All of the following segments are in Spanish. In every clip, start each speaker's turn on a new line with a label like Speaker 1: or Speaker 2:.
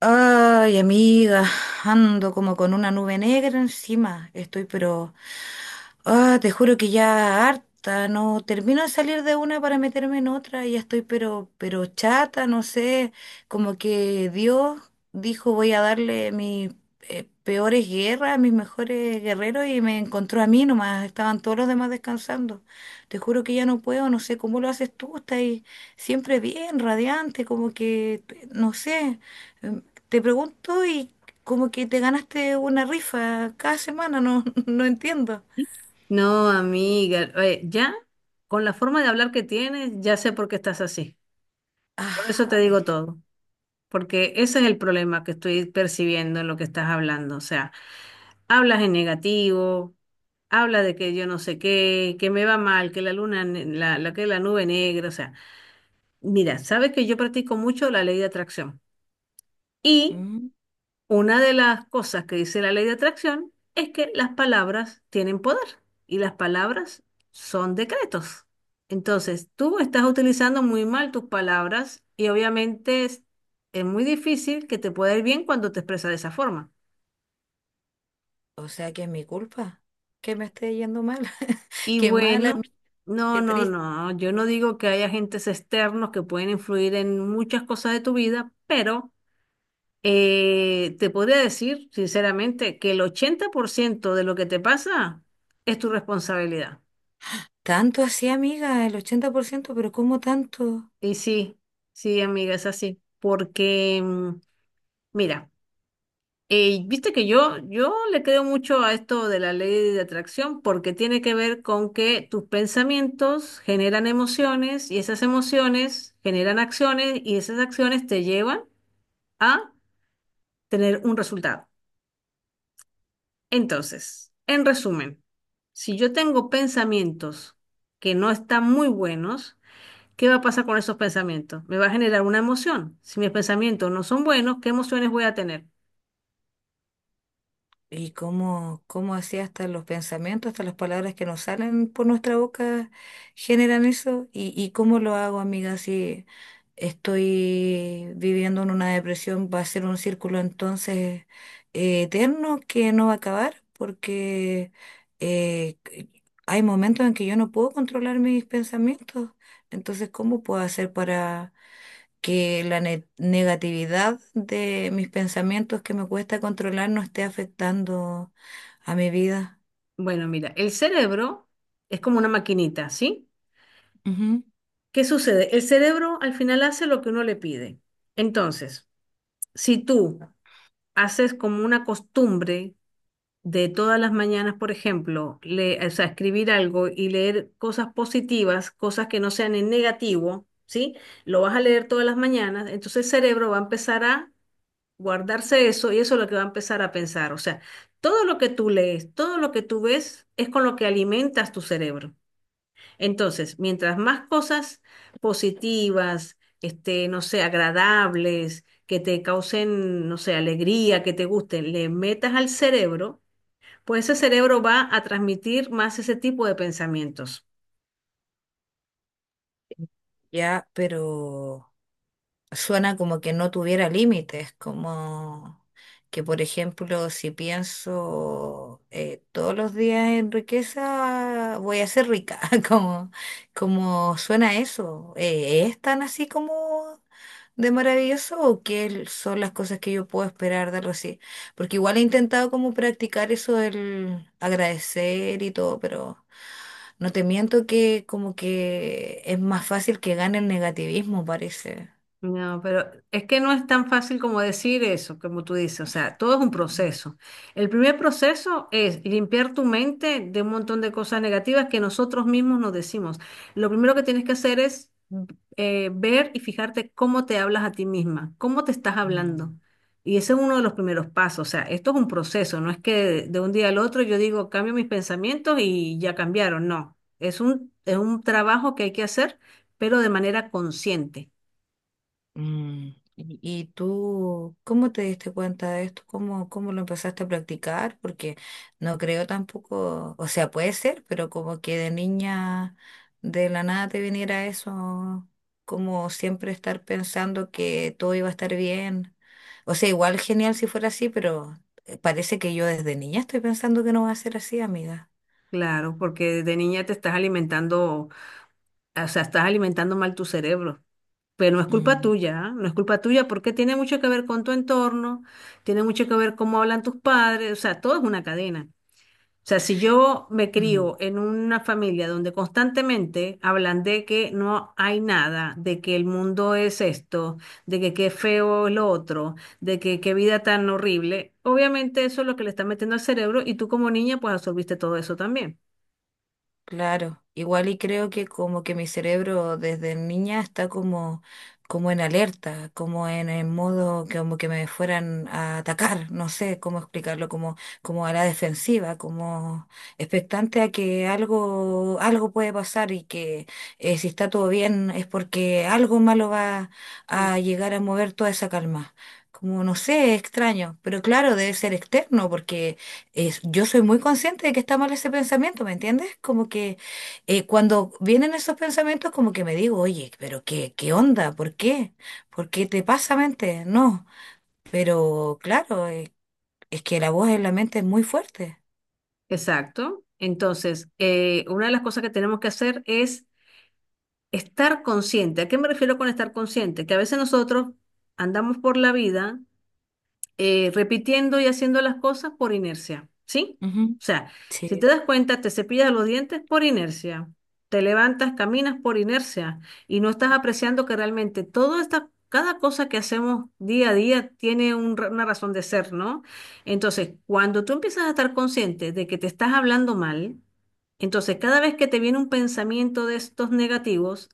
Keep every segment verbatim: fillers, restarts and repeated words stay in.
Speaker 1: Ay, amiga, ando como con una nube negra encima. Estoy pero Ah, te juro que ya harta, no termino de salir de una para meterme en otra, ya estoy pero, pero chata, no sé, como que Dios dijo voy a darle mis eh, peores guerras a mis mejores guerreros y me encontró a mí nomás, estaban todos los demás descansando. Te juro que ya no puedo, no sé cómo lo haces tú, estás ahí siempre bien, radiante, como que, no sé, em, te pregunto y como que te ganaste una rifa cada semana, no, no entiendo.
Speaker 2: No, amiga, oye, ya con la forma de hablar que tienes, ya sé por qué estás así. Por eso te
Speaker 1: Ay,
Speaker 2: digo todo, porque ese es el problema que estoy percibiendo en lo que estás hablando. O sea, hablas en negativo, hablas de que yo no sé qué, que me va mal, que la luna, ne- la, la que la nube negra. O sea, mira, sabes que yo practico mucho la ley de atracción y
Speaker 1: mm,
Speaker 2: una de las cosas que dice la ley de atracción es que las palabras tienen poder y las palabras son decretos. Entonces, tú estás utilizando muy mal tus palabras y obviamente es, es muy difícil que te pueda ir bien cuando te expresas de esa forma.
Speaker 1: o sea que es mi culpa que me esté yendo mal.
Speaker 2: Y
Speaker 1: Qué mala, mi-
Speaker 2: bueno, no,
Speaker 1: qué
Speaker 2: no,
Speaker 1: triste.
Speaker 2: no, yo no digo que haya agentes externos que pueden influir en muchas cosas de tu vida, pero Eh, te podría decir, sinceramente, que el ochenta por ciento de lo que te pasa es tu responsabilidad.
Speaker 1: Tanto así, amiga, el ochenta por ciento, pero ¿cómo tanto?
Speaker 2: Y sí, sí, amiga, es así. Porque, mm, mira, eh, viste que yo, yo le creo mucho a esto de la ley de atracción porque tiene que ver con que tus pensamientos generan emociones y esas emociones generan acciones y esas acciones te llevan a tener un resultado. Entonces, en resumen, si yo tengo pensamientos que no están muy buenos, ¿qué va a pasar con esos pensamientos? Me va a generar una emoción. Si mis pensamientos no son buenos, ¿qué emociones voy a tener?
Speaker 1: Y cómo, cómo así hasta los pensamientos, hasta las palabras que nos salen por nuestra boca generan eso. Y, y cómo lo hago, amiga, si estoy viviendo en una depresión, va a ser un círculo entonces eh, eterno que no va a acabar, porque eh, c- hay momentos en que yo no puedo controlar mis pensamientos. Entonces, ¿cómo puedo hacer que la ne- negatividad de mis pensamientos que me cuesta controlar no esté afectando a mi vida?
Speaker 2: Bueno, mira, el cerebro es como una maquinita, ¿sí?
Speaker 1: Ujú.
Speaker 2: ¿Qué sucede? El cerebro al final hace lo que uno le pide. Entonces, si tú haces como una costumbre de todas las mañanas, por ejemplo, le, o sea, escribir algo y leer cosas positivas, cosas que no sean en negativo, ¿sí? Lo vas a leer todas las mañanas, entonces el cerebro va a empezar a guardarse eso y eso es lo que va a empezar a pensar. O sea, todo lo que tú lees, todo lo que tú ves es con lo que alimentas tu cerebro. Entonces, mientras más cosas positivas, este, no sé, agradables, que te causen, no sé, alegría, que te gusten, le metas al cerebro, pues ese cerebro va a transmitir más ese tipo de pensamientos.
Speaker 1: Ya, pero suena como que no tuviera límites, como que, por ejemplo, si pienso eh, todos los días en riqueza, voy a ser rica, como, como suena eso. Eh, ¿es tan así como de maravilloso o qué son las cosas que yo puedo esperar de algo así? Porque igual he intentado como practicar eso del agradecer y todo, pero no te miento que como que es más fácil que gane el negativismo, parece.
Speaker 2: No, pero es que no es tan fácil como decir eso, como tú dices, o sea, todo es un proceso. El primer proceso es limpiar tu mente de un montón de cosas negativas que nosotros mismos nos decimos. Lo primero que tienes que hacer es eh, ver y fijarte cómo te hablas a ti misma, cómo te estás hablando.
Speaker 1: Mm.
Speaker 2: Y ese es uno de los primeros pasos, o sea, esto es un proceso, no es que de, de un día al otro yo digo, cambio mis pensamientos y ya cambiaron, no, es un, es un trabajo que hay que hacer, pero de manera consciente.
Speaker 1: Mm, ¿y y tú cómo te diste cuenta de esto? ¿Cómo, cómo lo empezaste a practicar? Porque no creo tampoco, o sea, puede ser, pero como que de niña de la nada te viniera eso, como siempre estar pensando que todo iba a estar bien. O sea, igual genial si fuera así, pero eh, parece que yo desde niña estoy pensando que no va a ser así, amiga.
Speaker 2: Claro, porque desde niña te estás alimentando, o sea, estás alimentando mal tu cerebro. Pero no es culpa
Speaker 1: Mm,
Speaker 2: tuya, ¿ah? No es culpa tuya porque tiene mucho que ver con tu entorno, tiene mucho que ver cómo hablan tus padres, o sea, todo es una cadena. O sea, si yo me
Speaker 1: mm.
Speaker 2: crío en una familia donde constantemente hablan de que no hay nada, de que el mundo es esto, de que qué feo es lo otro, de que qué vida tan horrible, obviamente eso es lo que le está metiendo al cerebro y tú como niña pues absorbiste todo eso también.
Speaker 1: Claro, igual y creo que como que mi cerebro desde niña está como, como en alerta, como en el modo que como que me fueran a atacar, no sé cómo explicarlo, como, como a la defensiva, como expectante a que algo, algo puede pasar y que eh, si está todo bien es porque algo malo va a llegar a mover toda esa calma. Como no sé, es extraño, pero claro, debe ser externo porque es- yo soy muy consciente de que está mal ese pensamiento, ¿me entiendes? Como que eh, cuando vienen esos pensamientos, como que me digo, oye, pero qué, qué onda, ¿por qué? ¿Por qué te pasa, mente? No, pero claro, eh, es que la voz en la mente es muy fuerte.
Speaker 2: Exacto. Entonces, eh, una de las cosas que tenemos que hacer es estar consciente. ¿A qué me refiero con estar consciente? Que a veces nosotros andamos por la vida eh, repitiendo y haciendo las cosas por inercia, ¿sí?
Speaker 1: Ujú.
Speaker 2: O sea, si te
Speaker 1: Sí.
Speaker 2: das cuenta, te cepillas los dientes por inercia, te levantas, caminas por inercia y no estás apreciando que realmente todo esta, cada cosa que hacemos día a día tiene un ra- una razón de ser, ¿no? Entonces, cuando tú empiezas a estar consciente de que te estás hablando mal, entonces, cada vez que te viene un pensamiento de estos negativos,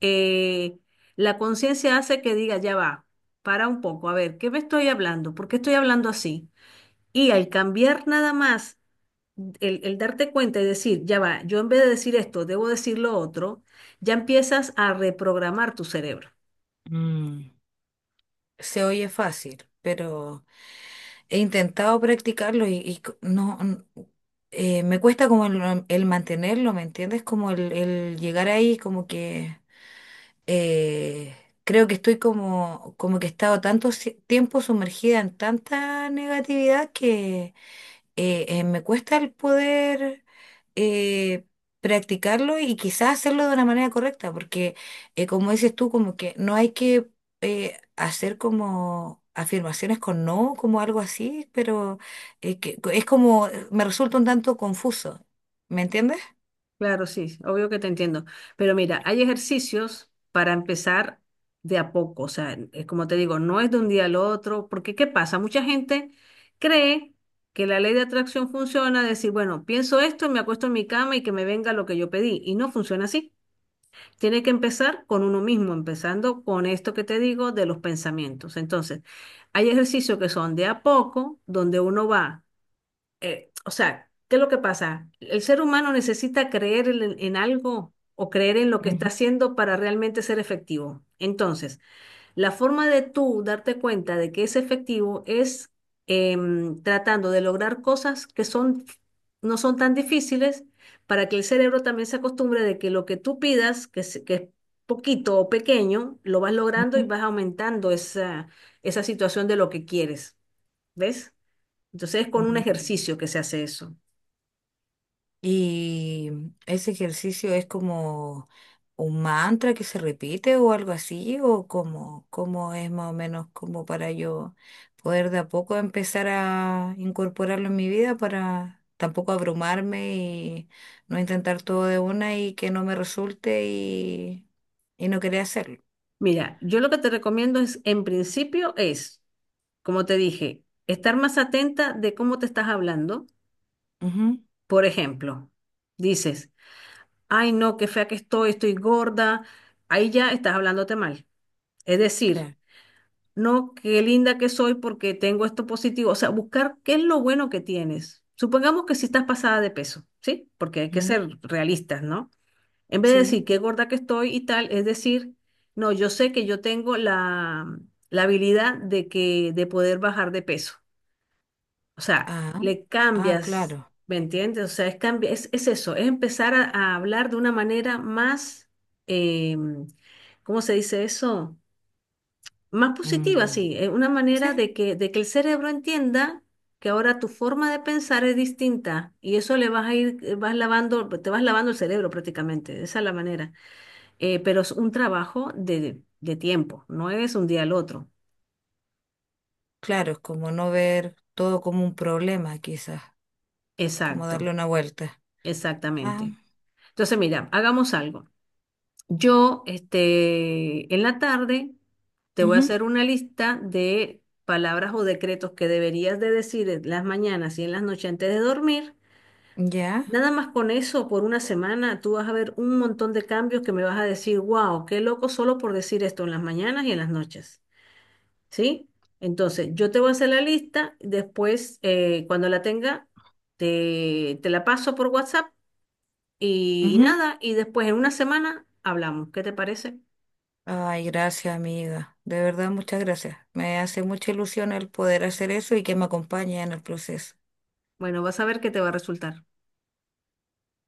Speaker 2: eh, la conciencia hace que diga, ya va, para un poco, a ver, ¿qué me estoy hablando? ¿Por qué estoy hablando así? Y al cambiar nada más, el, el darte cuenta y decir, ya va, yo en vez de decir esto, debo decir lo otro, ya empiezas a reprogramar tu cerebro.
Speaker 1: Mm, se oye fácil, pero he intentado practicarlo y, y c- no, n- eh, me cuesta como el, el mantenerlo, ¿me entiendes? Como el, el llegar ahí, como que eh, creo que estoy como, como que he estado tanto si- tiempo sumergida en tanta negatividad que eh, eh, me cuesta el poder eh, practicarlo y quizás hacerlo de una manera correcta, porque eh, como dices tú, como que no hay que eh, hacer como afirmaciones con no, como algo así, pero eh, que, es como, me resulta un tanto confuso, ¿me entiendes?
Speaker 2: Claro, sí, obvio que te entiendo. Pero mira, hay ejercicios para empezar de a poco. O sea, es como te digo, no es de un día al otro, porque ¿qué pasa? Mucha gente cree que la ley de atracción funciona, decir, bueno, pienso esto, me acuesto en mi cama y que me venga lo que yo pedí. Y no funciona así. Tiene que empezar con uno mismo, empezando con esto que te digo de los pensamientos. Entonces, hay ejercicios que son de a poco, donde uno va eh, o sea, ¿qué es lo que pasa? El ser humano necesita creer en, en algo o creer en lo que está
Speaker 1: Ujú,
Speaker 2: haciendo para realmente ser efectivo. Entonces, la forma de tú darte cuenta de que es efectivo es em, tratando de lograr cosas que son, no son tan difíciles para que el cerebro también se acostumbre de que lo que tú pidas, que, es- que es poquito o pequeño, lo vas logrando y
Speaker 1: ujú,
Speaker 2: vas aumentando esa, esa situación de lo que quieres. ¿Ves? Entonces es con un
Speaker 1: ujú.
Speaker 2: ejercicio que se hace eso.
Speaker 1: Y ese ejercicio es como un mantra que se repite o algo así, o como, como es más o menos como para yo poder de a poco empezar a incorporarlo en mi vida para tampoco abrumarme y no intentar todo de una y que no me resulte y, y no querer hacerlo.
Speaker 2: Mira, yo lo que te recomiendo es, en principio, es, como te dije, estar más atenta de cómo te estás hablando.
Speaker 1: Ujú,
Speaker 2: Por ejemplo, dices, ay no, qué fea que estoy, estoy gorda. Ahí ya estás hablándote mal. Es decir,
Speaker 1: claro.
Speaker 2: no, qué linda que soy porque tengo esto positivo. O sea, buscar qué es lo bueno que tienes. Supongamos que si estás pasada de peso, ¿sí? Porque hay que
Speaker 1: Ujú,
Speaker 2: ser realistas, ¿no? En vez de decir
Speaker 1: sí.
Speaker 2: qué gorda que estoy y tal, es decir, no, yo sé que yo tengo la, la habilidad de que de poder bajar de peso. O sea,
Speaker 1: Ah,
Speaker 2: le
Speaker 1: ah,
Speaker 2: cambias,
Speaker 1: claro.
Speaker 2: ¿me entiendes? O sea, es, cambi- es, es eso, es empezar a, a hablar de una manera más, eh, ¿cómo se dice eso? Más positiva,
Speaker 1: Mm,
Speaker 2: sí, eh, una manera
Speaker 1: sí.
Speaker 2: de que, de que el cerebro entienda que ahora tu forma de pensar es distinta y eso le vas a ir, eh, vas lavando, te vas lavando el cerebro prácticamente, esa es la manera. Eh, pero es un trabajo de, de tiempo, no es un día al otro.
Speaker 1: Claro, es como no ver todo como un problema, quizás. Como darle
Speaker 2: Exacto,
Speaker 1: una vuelta. Ah,
Speaker 2: exactamente. Entonces, mira, hagamos algo. Yo, este, en la tarde te voy a
Speaker 1: ujú,
Speaker 2: hacer una lista de palabras o decretos que deberías de decir en las mañanas y en las noches antes de dormir.
Speaker 1: ya,
Speaker 2: Nada más con eso, por una semana, tú vas a ver un montón de cambios que me vas a decir, wow, qué loco solo por decir esto en las mañanas y en las noches. ¿Sí? Entonces, yo te voy a hacer la lista, después, eh, cuando la tenga, te, te la paso por WhatsApp y, y
Speaker 1: ujú.
Speaker 2: nada, y después en una semana hablamos. ¿Qué te parece?
Speaker 1: Ay, gracias, amiga. De verdad, muchas gracias. Me hace mucha ilusión el poder hacer eso y que me acompañe en el proceso.
Speaker 2: Bueno, vas a ver qué te va a resultar.